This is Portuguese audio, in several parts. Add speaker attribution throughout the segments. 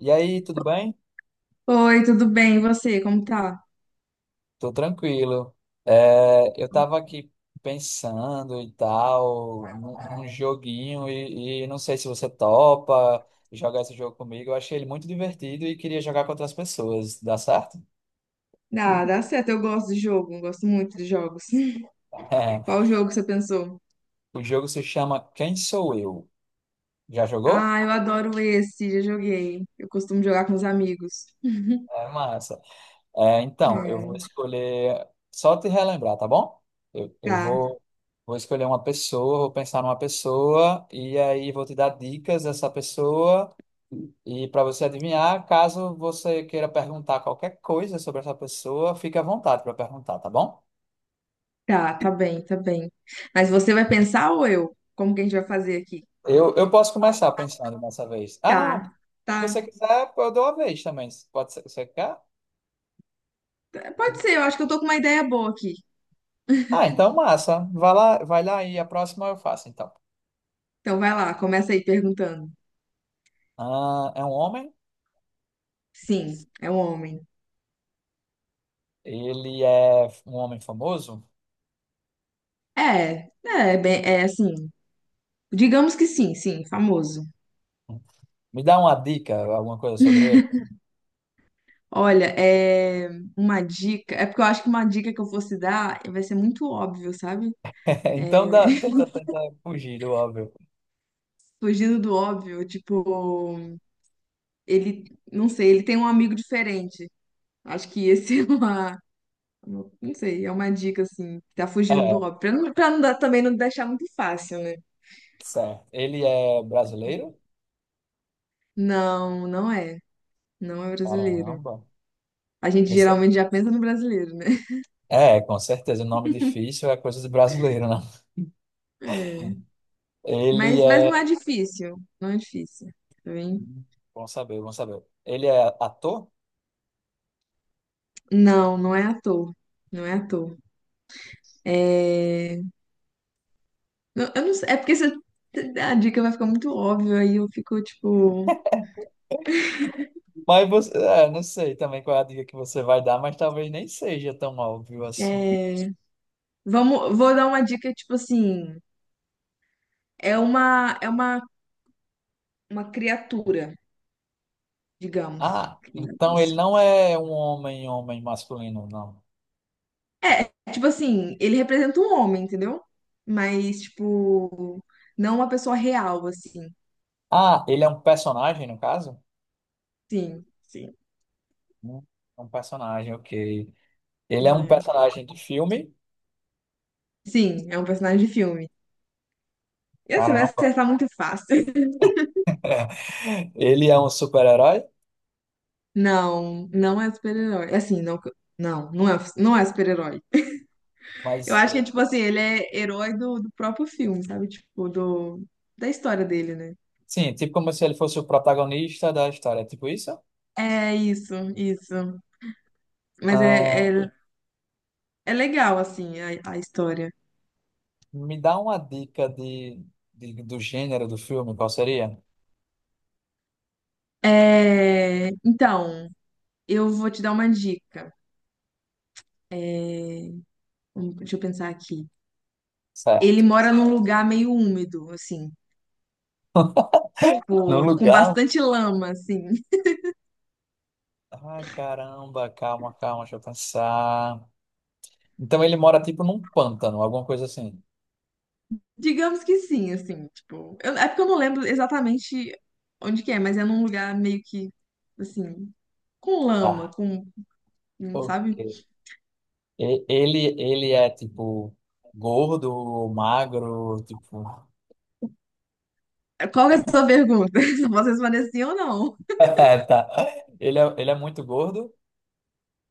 Speaker 1: E aí, tudo bem?
Speaker 2: Oi, tudo bem? E você, como tá?
Speaker 1: Tô tranquilo. Eu tava aqui pensando e tal, num joguinho, e não sei se você topa jogar esse jogo comigo. Eu achei ele muito divertido e queria jogar com outras pessoas. Dá certo?
Speaker 2: Ah, dá certo, eu gosto de jogo, gosto muito de jogos. Qual jogo você pensou?
Speaker 1: O jogo se chama Quem Sou Eu? Já jogou?
Speaker 2: Ah, eu adoro esse, já joguei. Eu costumo jogar com os amigos.
Speaker 1: É massa. É, então, eu vou
Speaker 2: É,
Speaker 1: escolher. Só te relembrar, tá bom? Eu, eu
Speaker 2: tá,
Speaker 1: vou, vou escolher uma pessoa, vou pensar numa pessoa, e aí vou te dar dicas dessa pessoa. E para você adivinhar, caso você queira perguntar qualquer coisa sobre essa pessoa, fique à vontade para perguntar, tá bom?
Speaker 2: tá bem, tá bem. Mas você vai pensar ou eu? Como que a gente vai fazer aqui?
Speaker 1: Eu posso começar pensando dessa vez. Ah, não. Se
Speaker 2: Tá, tá,
Speaker 1: você quiser, eu dou a vez também. Pode ser, você quer?
Speaker 2: tá. Pode ser, eu acho que eu tô com uma ideia boa aqui.
Speaker 1: Ah, então massa. Vai lá e a próxima eu faço, então.
Speaker 2: Então vai lá, começa aí perguntando.
Speaker 1: Ah, é um homem?
Speaker 2: Sim, é um homem.
Speaker 1: Ele é um homem famoso?
Speaker 2: É, é, bem, é assim. Digamos que sim, sim, famoso.
Speaker 1: Me dá uma dica, alguma coisa sobre ele?
Speaker 2: Olha, é uma dica. É porque eu acho que uma dica que eu fosse dar vai ser muito óbvio, sabe? É,
Speaker 1: Então dá, tenta, tenta fugir do óbvio.
Speaker 2: fugindo do óbvio, tipo, ele, não sei, ele tem um amigo diferente. Acho que esse é uma, não sei, é uma dica assim, que tá fugindo do
Speaker 1: É,
Speaker 2: óbvio, pra não dar, também não deixar muito fácil, né?
Speaker 1: certo. Ele é brasileiro?
Speaker 2: Não, não é, não é brasileiro.
Speaker 1: Caramba.
Speaker 2: A gente
Speaker 1: Você...
Speaker 2: geralmente já pensa no brasileiro, né?
Speaker 1: É, com certeza, o nome difícil é coisa de brasileiro, né?
Speaker 2: É.
Speaker 1: Ele
Speaker 2: Mas não é
Speaker 1: é...
Speaker 2: difícil, não é difícil, tá bem?
Speaker 1: Bom saber, bom saber. Ele é ator?
Speaker 2: Não, não é ator, não é ator. É... não- Eu não sei, é porque se eu- a dica vai ficar muito óbvia aí eu fico tipo,
Speaker 1: Mas você... É, não sei também qual é a dica que você vai dar, mas talvez nem seja tão óbvio assim.
Speaker 2: é, vamos, vou dar uma dica tipo assim, é uma, uma criatura, digamos.
Speaker 1: Ah, então ele
Speaker 2: Isso.
Speaker 1: não é um homem, homem masculino, não.
Speaker 2: É, é tipo assim, ele representa um homem, entendeu? Mas tipo, não uma pessoa real assim.
Speaker 1: Ah, ele é um personagem, no caso?
Speaker 2: Sim, sim.
Speaker 1: Hum, É um personagem, ok. Ele é um
Speaker 2: É.
Speaker 1: personagem de filme.
Speaker 2: Sim, é um personagem de filme. E você vai
Speaker 1: Caramba.
Speaker 2: acertar muito fácil.
Speaker 1: Ele é um super-herói,
Speaker 2: Não, não é super-herói. Assim, não, não, não é, não é super-herói. Eu
Speaker 1: mas
Speaker 2: acho que é tipo assim, ele é herói do próprio filme, sabe? Tipo, do, da história dele, né?
Speaker 1: sim, tipo como se ele fosse o protagonista da história, é tipo isso?
Speaker 2: É isso, isso. Mas é,
Speaker 1: Ah,
Speaker 2: é, é legal, assim, a história.
Speaker 1: me dá uma dica de- do gênero do filme, qual seria?
Speaker 2: É, então, eu vou te dar uma dica. Deixa eu pensar aqui. Ele
Speaker 1: Certo.
Speaker 2: mora num lugar meio úmido, assim,
Speaker 1: No
Speaker 2: tipo, com
Speaker 1: lugar.
Speaker 2: bastante lama, assim.
Speaker 1: Ah, caramba, calma, calma, deixa eu pensar. Então ele mora tipo num pântano, alguma coisa assim.
Speaker 2: Digamos que sim, assim, tipo. Eu- é porque eu não lembro exatamente onde que é, mas é num lugar meio que, assim, com lama,
Speaker 1: Tá.
Speaker 2: com,
Speaker 1: Ok.
Speaker 2: sabe?
Speaker 1: E- ele é tipo gordo, magro, tipo.
Speaker 2: Qual que é a sua pergunta? Se eu posso responder sim ou não.
Speaker 1: Tá. Ele é muito gordo.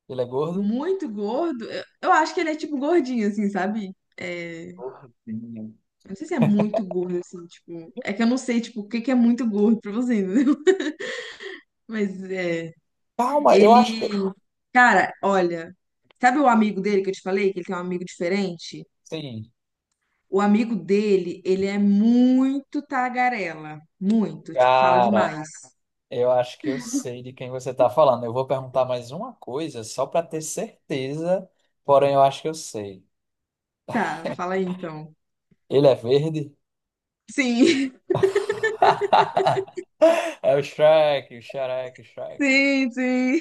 Speaker 1: Ele é gordo.
Speaker 2: Muito gordo? Eu acho que ele é tipo gordinho, assim, sabe? É,
Speaker 1: Gordinho.
Speaker 2: eu não sei se é muito gordo, assim, tipo. É que eu não sei, tipo, o que que é muito gordo pra você, entendeu? Mas é.
Speaker 1: Calma, eu acho que.
Speaker 2: Ele. Cara, olha. Sabe o amigo dele que eu te falei, que ele tem um amigo diferente?
Speaker 1: Sim,
Speaker 2: O amigo dele, ele é muito tagarela. Muito. Tipo, fala
Speaker 1: cara,
Speaker 2: demais.
Speaker 1: eu acho que eu sei de quem você tá falando. Eu vou perguntar mais uma coisa só pra ter certeza, porém eu acho que eu sei.
Speaker 2: Tá, fala aí então.
Speaker 1: Ele é verde?
Speaker 2: Sim,
Speaker 1: É o Shrek, o Shrek, o Shrek.
Speaker 2: sim, sim.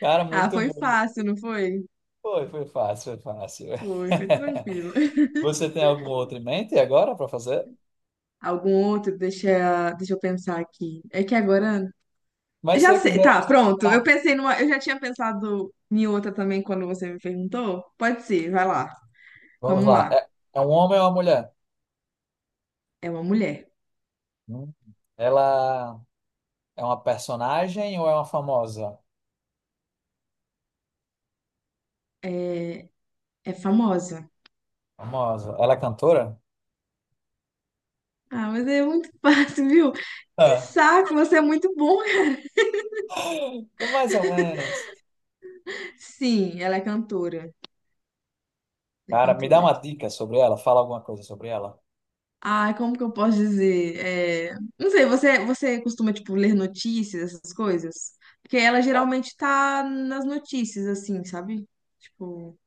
Speaker 1: Cara,
Speaker 2: Ah,
Speaker 1: muito
Speaker 2: foi
Speaker 1: bom.
Speaker 2: fácil, não foi?
Speaker 1: Foi, foi fácil, foi fácil.
Speaker 2: Foi, foi tranquilo.
Speaker 1: Você tem alguma outra em mente agora para fazer?
Speaker 2: Algum outro? Deixa eu pensar aqui. É que agora.
Speaker 1: Mas se
Speaker 2: Já
Speaker 1: você
Speaker 2: sei.
Speaker 1: quiser.
Speaker 2: Tá, pronto. Eu
Speaker 1: Ah,
Speaker 2: pensei numa. Eu já tinha pensado em outra também quando você me perguntou. Pode ser, vai lá.
Speaker 1: vamos
Speaker 2: Vamos
Speaker 1: lá.
Speaker 2: lá.
Speaker 1: É, é um homem ou uma mulher?
Speaker 2: É uma mulher.
Speaker 1: Hum. Ela é uma personagem ou é uma famosa?
Speaker 2: É, é famosa.
Speaker 1: Famosa. Ela é cantora?
Speaker 2: Ah, mas é muito fácil, viu? Que
Speaker 1: Ah.
Speaker 2: saco, você é muito bom.
Speaker 1: Mais ou menos.
Speaker 2: Sim, ela é cantora. É
Speaker 1: Cara, me dá
Speaker 2: cantora.
Speaker 1: uma dica sobre ela, fala alguma coisa sobre ela.
Speaker 2: Ai, como que eu posso dizer? É, não sei, você costuma, tipo, ler notícias, essas coisas? Porque ela geralmente tá nas notícias, assim, sabe? Tipo,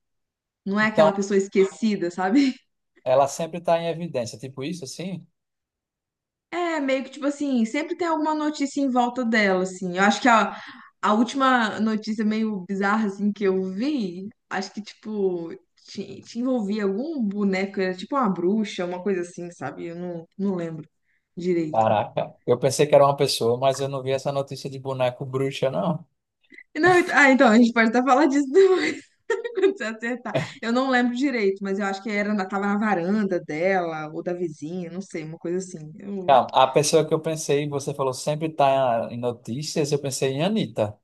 Speaker 2: não é
Speaker 1: Então,
Speaker 2: aquela pessoa esquecida, sabe?
Speaker 1: ela sempre está em evidência, tipo isso assim?
Speaker 2: É, meio que, tipo assim, sempre tem alguma notícia em volta dela, assim. Eu acho que a última notícia meio bizarra, assim, que eu vi, acho que, tipo, te envolvia algum boneco, era tipo uma bruxa, uma coisa assim, sabe? Eu não, não lembro direito.
Speaker 1: Caraca, eu pensei que era uma pessoa, mas eu não vi essa notícia de boneco bruxa, não.
Speaker 2: Não, ent- ah, então, a gente pode até falar disso depois, quando você acertar. Eu não lembro direito, mas eu acho que era, na- tava na varanda dela, ou da vizinha, não sei, uma coisa assim. Eu-
Speaker 1: Não, a pessoa que eu pensei, você falou sempre tá em notícias, eu pensei em Anitta.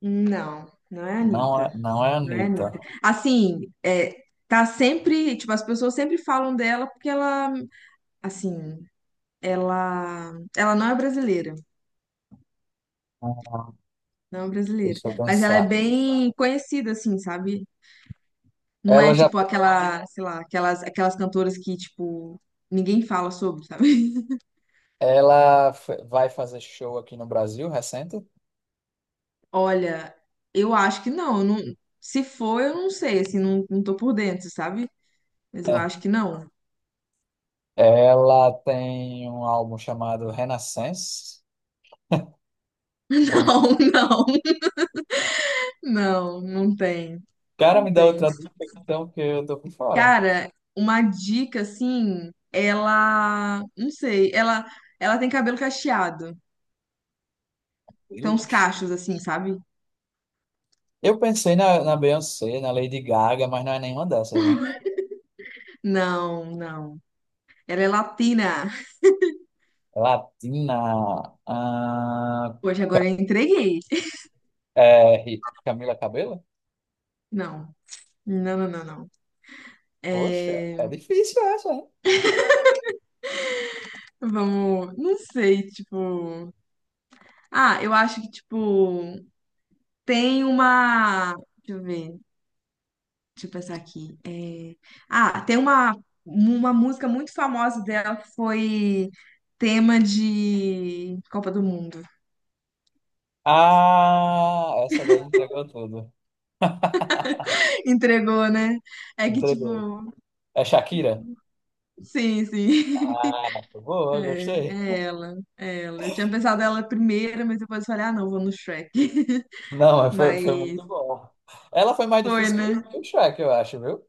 Speaker 2: Não, não é a
Speaker 1: Não é,
Speaker 2: Anitta,
Speaker 1: não é
Speaker 2: não é a
Speaker 1: Anitta.
Speaker 2: Anitta. Assim, é, tá sempre, tipo, as pessoas sempre falam dela porque ela, assim, ela, ela não é brasileira,
Speaker 1: Ah,
Speaker 2: não é brasileira,
Speaker 1: deixa eu
Speaker 2: mas ela é
Speaker 1: pensar.
Speaker 2: bem conhecida, assim, sabe? Não é,
Speaker 1: Ela já,
Speaker 2: tipo, aquela, sei lá, aquelas, aquelas cantoras que, tipo, ninguém fala sobre, sabe?
Speaker 1: ela f- vai fazer show aqui no Brasil, recente?
Speaker 2: Olha, eu acho que não, eu não- se for, eu não sei, assim, não, não tô por dentro, sabe? Mas eu acho que não.
Speaker 1: Ela tem um álbum chamado Renaissance. O
Speaker 2: Não, não, não, não tem,
Speaker 1: cara
Speaker 2: não
Speaker 1: me dá
Speaker 2: tem.
Speaker 1: outra dica, então, que eu tô por fora.
Speaker 2: Cara, uma dica assim, ela, não sei, ela tem cabelo cacheado, tem uns
Speaker 1: Lucas.
Speaker 2: cachos assim, sabe?
Speaker 1: Eu pensei na, na Beyoncé, na Lady Gaga, mas não é nenhuma dessas, né?
Speaker 2: Não, não. Ela é latina.
Speaker 1: Latina, ah,
Speaker 2: Hoje agora eu entreguei.
Speaker 1: é, Camila Cabello?
Speaker 2: Não, não, não, não, não.
Speaker 1: Poxa,
Speaker 2: É,
Speaker 1: é difícil essa, hein?
Speaker 2: vamos, não sei, tipo. Ah, eu acho que tipo tem uma. Deixa eu ver, deixa eu pensar aqui. É, ah, tem uma música muito famosa dela que foi tema de Copa do Mundo.
Speaker 1: Ah, essa daí entregou tudo.
Speaker 2: Entregou, né? É que, tipo,
Speaker 1: Entregou. É Shakira?
Speaker 2: sim, sim.
Speaker 1: Ah, boa,
Speaker 2: É,
Speaker 1: gostei.
Speaker 2: é ela, é ela. Eu tinha pensado ela primeira, mas depois eu falei, ah, não, vou no Shrek.
Speaker 1: Não, mas foi, foi
Speaker 2: Mas
Speaker 1: muito bom. Ela foi mais
Speaker 2: foi,
Speaker 1: difícil
Speaker 2: né?
Speaker 1: que o Shrek, eu acho, viu?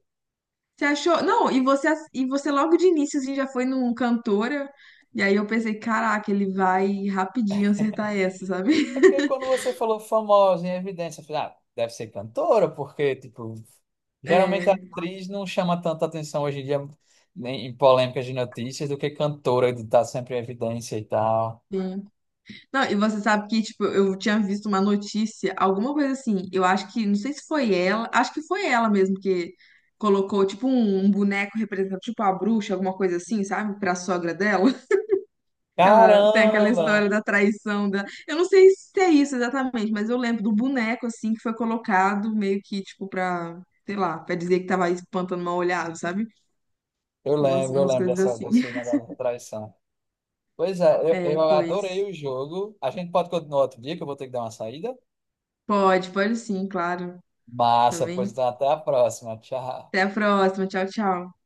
Speaker 2: Você achou? Não, e você, ass- e você logo de início assim, já foi num cantora. E aí eu pensei, caraca, ele vai rapidinho acertar essa, sabe?
Speaker 1: É porque quando você falou famosa em evidência, eu falei, ah, deve ser cantora, porque, tipo, geralmente a
Speaker 2: É,
Speaker 1: atriz não chama tanta atenção hoje em dia em em polêmicas de notícias do que cantora de estar sempre em evidência e tal.
Speaker 2: sim. Não, e você sabe que, tipo, eu tinha visto uma notícia, alguma coisa assim. Eu acho que, não sei se foi ela, acho que foi ela mesmo que colocou, tipo, um boneco representando, tipo, a bruxa, alguma coisa assim, sabe? Pra sogra dela. Ela tem aquela história
Speaker 1: Caramba!
Speaker 2: da traição da. Eu não sei se é isso exatamente, mas eu lembro do boneco assim que foi colocado meio que tipo pra, sei lá, pra dizer que tava espantando mal olhado, sabe?
Speaker 1: Eu
Speaker 2: Umas,
Speaker 1: lembro, eu
Speaker 2: umas
Speaker 1: lembro
Speaker 2: coisas
Speaker 1: dessa,
Speaker 2: assim.
Speaker 1: desse negócio da traição. Pois é, eu,
Speaker 2: É,
Speaker 1: eu adorei
Speaker 2: pois.
Speaker 1: o jogo. A gente pode continuar outro dia, que eu vou ter que dar uma saída.
Speaker 2: Pode, pode sim, claro. Tá
Speaker 1: Massa, pois
Speaker 2: bem?
Speaker 1: então, até a próxima. Tchau.
Speaker 2: Até a próxima. Tchau, tchau.